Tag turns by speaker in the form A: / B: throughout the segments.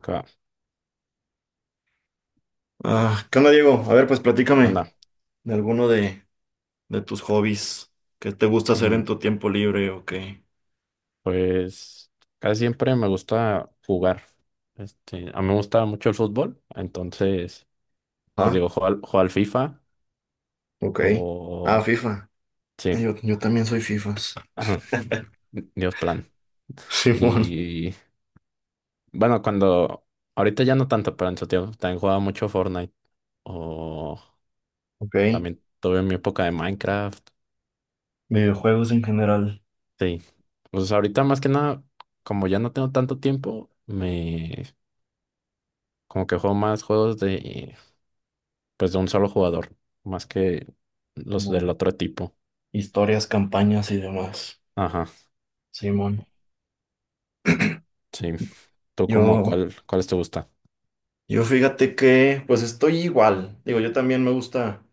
A: Ca-
B: Ah, ¿qué onda, Diego? A ver, pues
A: ¿Qué
B: platícame
A: onda?
B: de alguno de tus hobbies. ¿Qué te gusta hacer en
A: Mm,
B: tu tiempo libre o qué?
A: Pues casi siempre me gusta jugar. Este, a mí me gusta mucho el fútbol, entonces, pues
B: Ah,
A: digo, juego al FIFA
B: ok. Ah,
A: o...
B: FIFA.
A: Sí,
B: Yo también soy FIFAs.
A: ajá, Dios plan.
B: Simón.
A: Y bueno, cuando... Ahorita ya no tanto, pero en su tiempo también jugaba mucho Fortnite o
B: Ok.
A: también tuve mi época de Minecraft.
B: Videojuegos en general,
A: Sí, pues ahorita más que nada, como ya no tengo tanto tiempo, me... Como que juego más juegos de... pues de un solo jugador, más que los
B: como
A: del otro tipo.
B: historias, campañas y demás.
A: Ajá,
B: Simón.
A: sí. ¿Tú como
B: Yo,
A: cuáles te gusta?
B: yo fíjate que, pues estoy igual. Digo, yo también me gusta,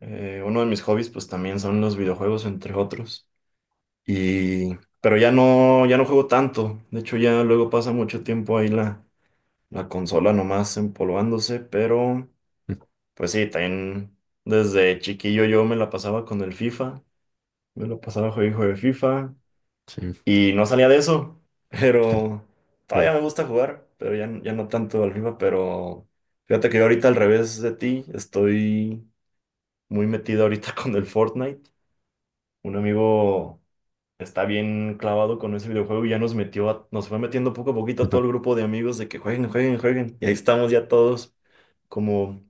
B: uno de mis hobbies, pues también son los videojuegos, entre otros. Pero ya no juego tanto. De hecho, ya luego pasa mucho tiempo ahí la consola nomás empolvándose. Pero, pues sí, también desde chiquillo yo me la pasaba con el FIFA. Me lo pasaba juego de FIFA.
A: Sí,
B: Y no salía de eso. Pero
A: yo.
B: todavía me gusta jugar. Pero ya no tanto al FIFA. Pero fíjate que yo ahorita al revés de ti. Estoy muy metido ahorita con el Fortnite. Un amigo está bien clavado con ese videojuego y ya nos fue metiendo poco a poquito a todo el grupo de amigos de que jueguen, jueguen, jueguen. Y ahí estamos ya todos, como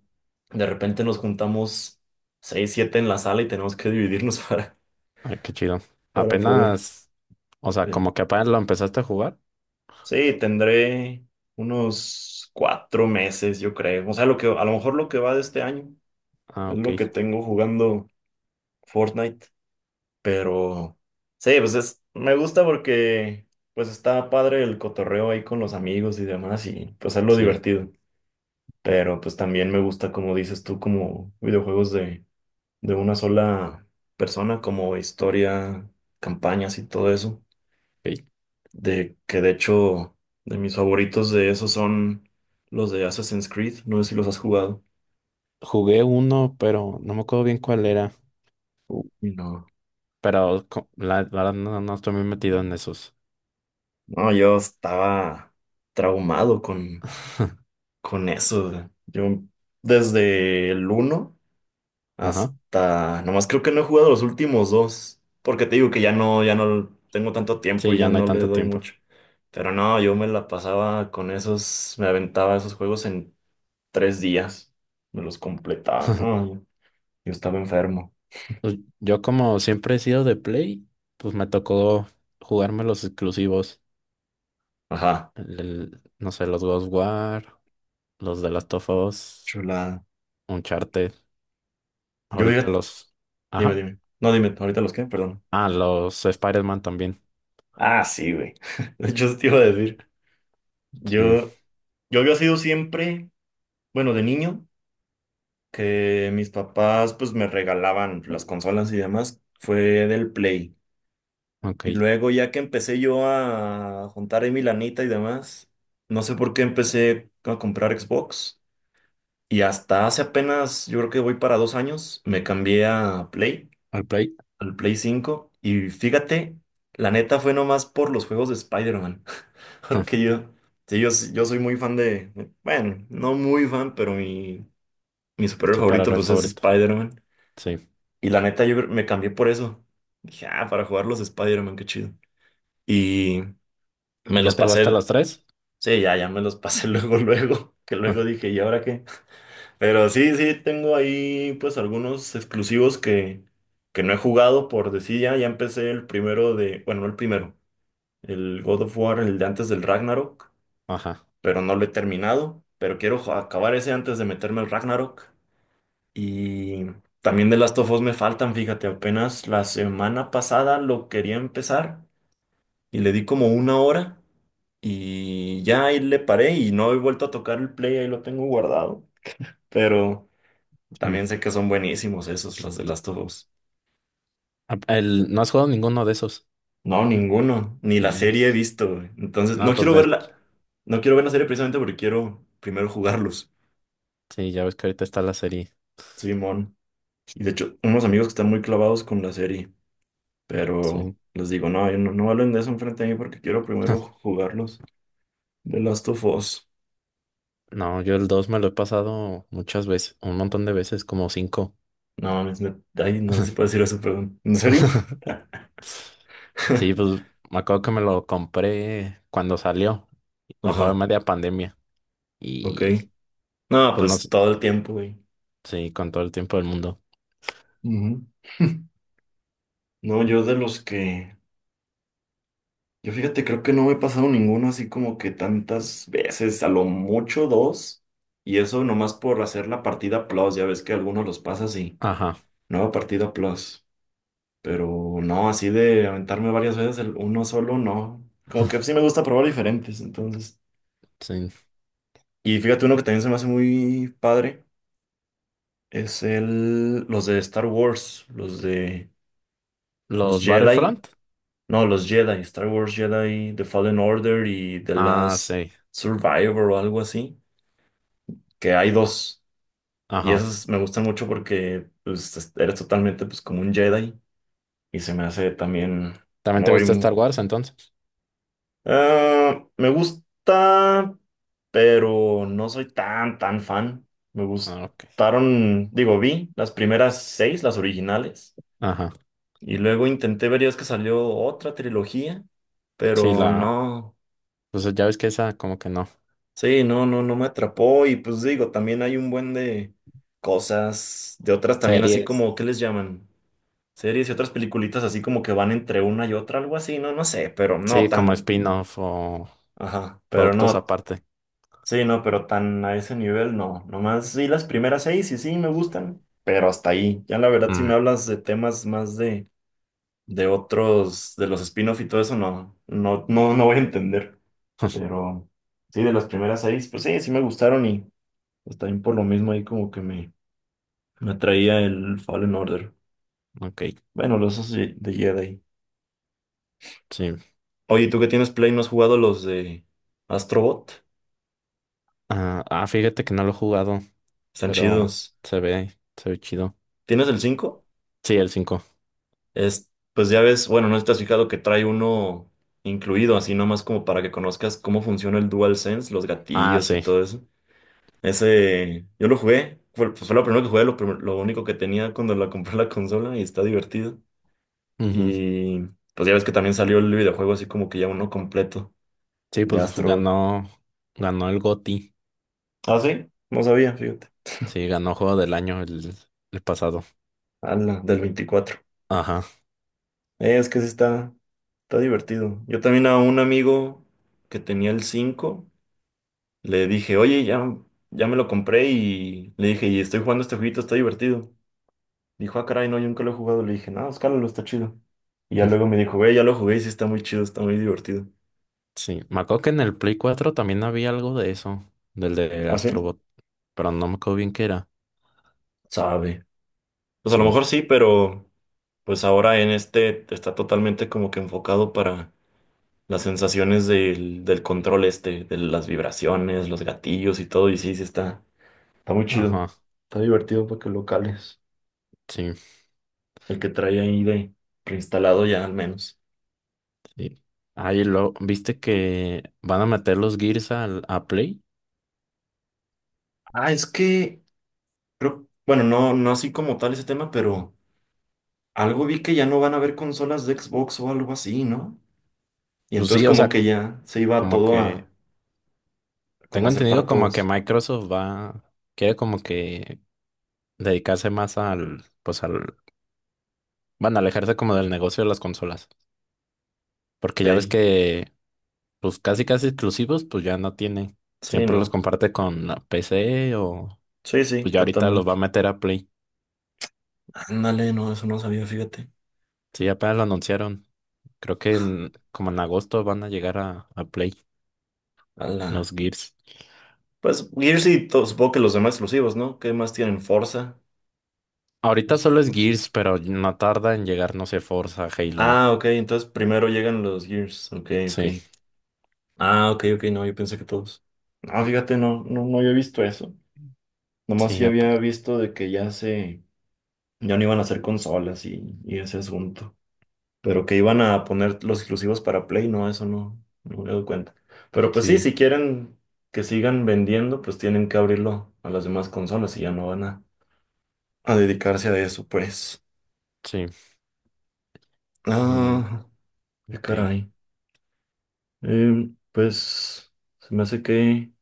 B: de repente nos juntamos seis, siete en la sala y tenemos que dividirnos para,
A: Ay, qué chido.
B: para poder.
A: Apenas, o sea,
B: Sí.
A: como que apenas lo empezaste a jugar.
B: Sí, tendré unos 4 meses, yo creo. O sea, a lo mejor lo que va de este año
A: Ah,
B: es
A: ok,
B: lo que tengo jugando Fortnite. Pero sí, me gusta porque pues está padre el cotorreo ahí con los amigos y demás y pues es lo
A: sí.
B: divertido. Pero pues también me gusta, como dices tú, como videojuegos de una sola persona, como historia, campañas y todo eso.
A: Ok.
B: De que de hecho, de mis favoritos de esos son los de Assassin's Creed. No sé si los has jugado.
A: Jugué uno, pero no me acuerdo bien cuál era.
B: Uy, no.
A: Pero la verdad no, no estoy muy metido en esos.
B: No, yo estaba traumado con Con eso, yo desde el uno
A: Ajá.
B: nomás creo que no he jugado los últimos dos, porque te digo que ya no tengo tanto tiempo
A: Sí,
B: y
A: ya
B: ya
A: no hay
B: no le
A: tanto
B: doy
A: tiempo.
B: mucho. Pero no, yo me la pasaba con esos, me aventaba esos juegos en 3 días, me los completaba, ¿no? Yo estaba enfermo.
A: Pues, yo como siempre he sido de Play, pues me tocó jugarme los exclusivos.
B: Ajá,
A: No sé, los Ghostwire, los de Last of Us,
B: chulada.
A: Uncharted,
B: Yo,
A: ahorita
B: fíjate-
A: los...
B: Dime,
A: Ajá.
B: dime. No, dime, ahorita los qué, perdón.
A: Ah, los Spider-Man también.
B: Ah, sí, güey. De hecho, eso te iba a decir.
A: Sí,
B: Yo, yo había sido siempre, bueno, de niño. Que mis papás pues me regalaban las consolas y demás fue del Play. Y
A: ok.
B: luego ya que empecé yo a juntar ahí mi lanita y demás, no sé por qué empecé a comprar Xbox. Y hasta hace apenas, yo creo que voy para 2 años, me cambié a Play,
A: Al Play.
B: al Play cinco. Y fíjate, la neta fue nomás por los juegos de Spider-Man. Porque yo, sí, yo soy muy fan de, bueno, no muy fan, pero mi superhéroe favorito
A: Superhéroe
B: pues es
A: favorito.
B: Spider-Man.
A: Sí.
B: Y la neta, yo me cambié por eso. Dije, ah, para jugar los Spider-Man, qué chido. Y me
A: ¿Ya
B: los
A: te gasté
B: pasé.
A: los tres?
B: Sí, ya me los pasé luego, luego. Que luego dije, ¿y ahora qué? Pero sí, sí, tengo ahí pues algunos exclusivos que no he jugado por decir ya. Ya empecé el primero de, bueno, no el primero, el God of War, el de antes del Ragnarok,
A: Ajá.
B: pero no lo he terminado. Pero quiero acabar ese antes de meterme al Ragnarok. Y también de Last of Us me faltan, fíjate, apenas la semana pasada lo quería empezar y le di como 1 hora y ya ahí le paré y no he vuelto a tocar el play, ahí lo tengo guardado. Pero
A: Sí.
B: también sé que son buenísimos esos, los de Last of Us.
A: Ah, el, no has jugado ninguno de esos.
B: No, ninguno, ni la
A: Y...
B: serie he visto, güey. Entonces,
A: No,
B: no
A: pues
B: quiero
A: de...
B: verla, no quiero ver la serie precisamente porque quiero primero jugarlos,
A: Sí, ya ves que ahorita está la serie.
B: Simón. Y de hecho, unos amigos que están muy clavados con la serie. Pero
A: Sí.
B: les digo, no, yo no, no hablen de eso enfrente de mí porque quiero primero jugarlos. The Last of Us.
A: No, yo el 2 me lo he pasado muchas veces, un montón de veces, como cinco.
B: No, mames, ay, no sé si puedo decir eso, pero... ¿En serio?
A: Sí, pues me acuerdo que me lo compré cuando salió, o fue en
B: Ajá,
A: media pandemia.
B: ok.
A: Y
B: No,
A: pues no
B: pues
A: sé,
B: todo el tiempo, güey.
A: sí, con todo el tiempo del mundo.
B: Ujú. No, yo de los que... Yo fíjate, creo que no me he pasado ninguno así como que tantas veces, a lo mucho dos. Y eso nomás por hacer la partida plus, ya ves que algunos los pasas y...
A: Ajá,
B: Nueva partida plus. Pero no, así de aventarme varias veces el uno solo, no. Como que sí me gusta probar diferentes, entonces.
A: sí.
B: Y fíjate, uno que también se me hace muy padre es los de Star Wars, los de los
A: ¿Los
B: Jedi.
A: Battlefront?
B: No, los Jedi, Star Wars Jedi, The Fallen Order y The
A: Ah,
B: Last
A: sí,
B: Survivor o algo así, que hay dos. Y
A: ajá.
B: esos me gustan mucho porque pues, eres totalmente pues, como un Jedi y se me hace también
A: ¿También te gusta Star
B: muy...
A: Wars entonces?
B: ah, me gusta... pero no soy tan, tan fan. Me
A: Ah, ok.
B: gustaron, digo, vi las primeras seis, las originales,
A: Ajá.
B: y luego intenté ver, ya es que salió otra trilogía,
A: Sí,
B: pero
A: la.
B: no,
A: Pues ya ves que esa, como que no.
B: sí, no, no, no me atrapó, y pues digo, también hay un buen de cosas, de otras también así
A: Series.
B: como, ¿qué les llaman? Series y otras peliculitas así como que van entre una y otra, algo así, no, no sé, pero no
A: Sí, como
B: tan,
A: spin-off o
B: ajá, pero
A: productos
B: no.
A: aparte.
B: Sí, no, pero tan a ese nivel no. Nomás sí, las primeras seis y sí me gustan, pero hasta ahí. Ya la verdad, si me
A: Mm,
B: hablas de temas más de otros, de los spin-off y todo eso, no, no, no, no voy a entender. Pero sí, de las primeras seis, pues sí, sí me gustaron y pues también por lo mismo ahí como que me atraía el Fallen Order.
A: ok,
B: Bueno, los esos de Jedi.
A: sí.
B: Oye, ¿tú que tienes Play no has jugado los de Astrobot?
A: Ah, ah, fíjate que no lo he jugado,
B: Están
A: pero
B: chidos.
A: se ve chido.
B: ¿Tienes el 5?
A: Sí, el cinco.
B: Pues ya ves, bueno, no sé si te has fijado que trae uno incluido, así nomás como para que conozcas cómo funciona el DualSense, los
A: Ah,
B: gatillos y
A: sí.
B: todo eso. Ese, yo lo jugué, pues fue lo primero que jugué, lo único que tenía cuando la compré la consola y está divertido.
A: Ujú.
B: Y pues ya ves que también salió el videojuego así como que ya uno completo
A: Sí,
B: de Astro.
A: ganó el GOTY.
B: Ah, sí, no sabía, fíjate.
A: Sí, ganó Juego del Año el pasado.
B: Ala, del 24.
A: Ajá.
B: Es que sí está, divertido. Yo también a un amigo que tenía el cinco. Le dije, oye, ya me lo compré y le dije, y estoy jugando este jueguito, está divertido. Dijo, ah, caray, no, yo nunca lo he jugado. Le dije, no, escálalo, está chido. Y ya luego me dijo, güey, ya lo jugué y sí está muy chido, está muy divertido.
A: Sí, me acuerdo que en el Play 4 también había algo de eso, del de
B: ¿Ah, sí?
A: Astrobot, pero no me acuerdo bien qué era.
B: Sabe. Pues a lo mejor
A: Sí,
B: sí, pero pues ahora en este está totalmente como que enfocado para las sensaciones del control este, de las vibraciones, los gatillos y todo. Y sí, sí está, muy chido.
A: ajá,
B: Está divertido para que lo cales.
A: sí,
B: El que trae ahí de preinstalado
A: ah,
B: ya al menos.
A: sí. Ahí lo, ¿viste que van a meter los Gears al, a Play?
B: Ah, es que creo, bueno, no, no así como tal ese tema, pero algo vi que ya no van a haber consolas de Xbox o algo así, ¿no? Y
A: Pues
B: entonces
A: sí, o
B: como
A: sea,
B: que ya se iba
A: como
B: todo a
A: que
B: como
A: tengo
B: hacer para
A: entendido como que
B: todas.
A: Microsoft va, quiere como que dedicarse más al, pues al, van a alejarse como del negocio de las consolas. Porque ya ves
B: Ok.
A: que, pues casi casi exclusivos, pues ya no tiene.
B: Sí,
A: Siempre los
B: ¿no?
A: comparte con la PC o
B: Sí, sí,
A: pues ya ahorita los va a
B: totalmente.
A: meter a Play.
B: Ándale, no, eso no sabía, fíjate.
A: Sí, apenas lo anunciaron. Creo que como en agosto van a llegar a Play los
B: Ala.
A: Gears.
B: Pues Gears supongo que los demás exclusivos, ¿no? ¿Qué más tienen? Forza.
A: Ahorita
B: Pues,
A: solo es
B: Forza.
A: Gears, pero no tarda en llegar, no sé, Forza, Halo.
B: Ah, ok, entonces primero llegan los Gears. Ok, ok.
A: Sí,
B: Ah, ok, ok, no, yo pensé que todos. No, fíjate, no, no, no había visto eso. Nomás
A: sí,
B: yo había visto de que ya no iban a hacer consolas y ese asunto. Pero que iban a poner los exclusivos para Play, no, eso no, no me doy cuenta. Pero pues sí,
A: sí,
B: si quieren que sigan vendiendo, pues tienen que abrirlo a las demás consolas y ya no van a dedicarse a eso, pues.
A: sí. Y,
B: Ah, qué
A: ok,
B: caray. Pues se me hace que,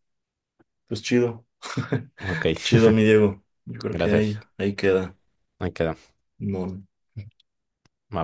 B: pues chido,
A: ok,
B: chido, mi Diego. Yo creo que ahí,
A: gracias.
B: ahí queda.
A: Ahí queda.
B: No.
A: Va.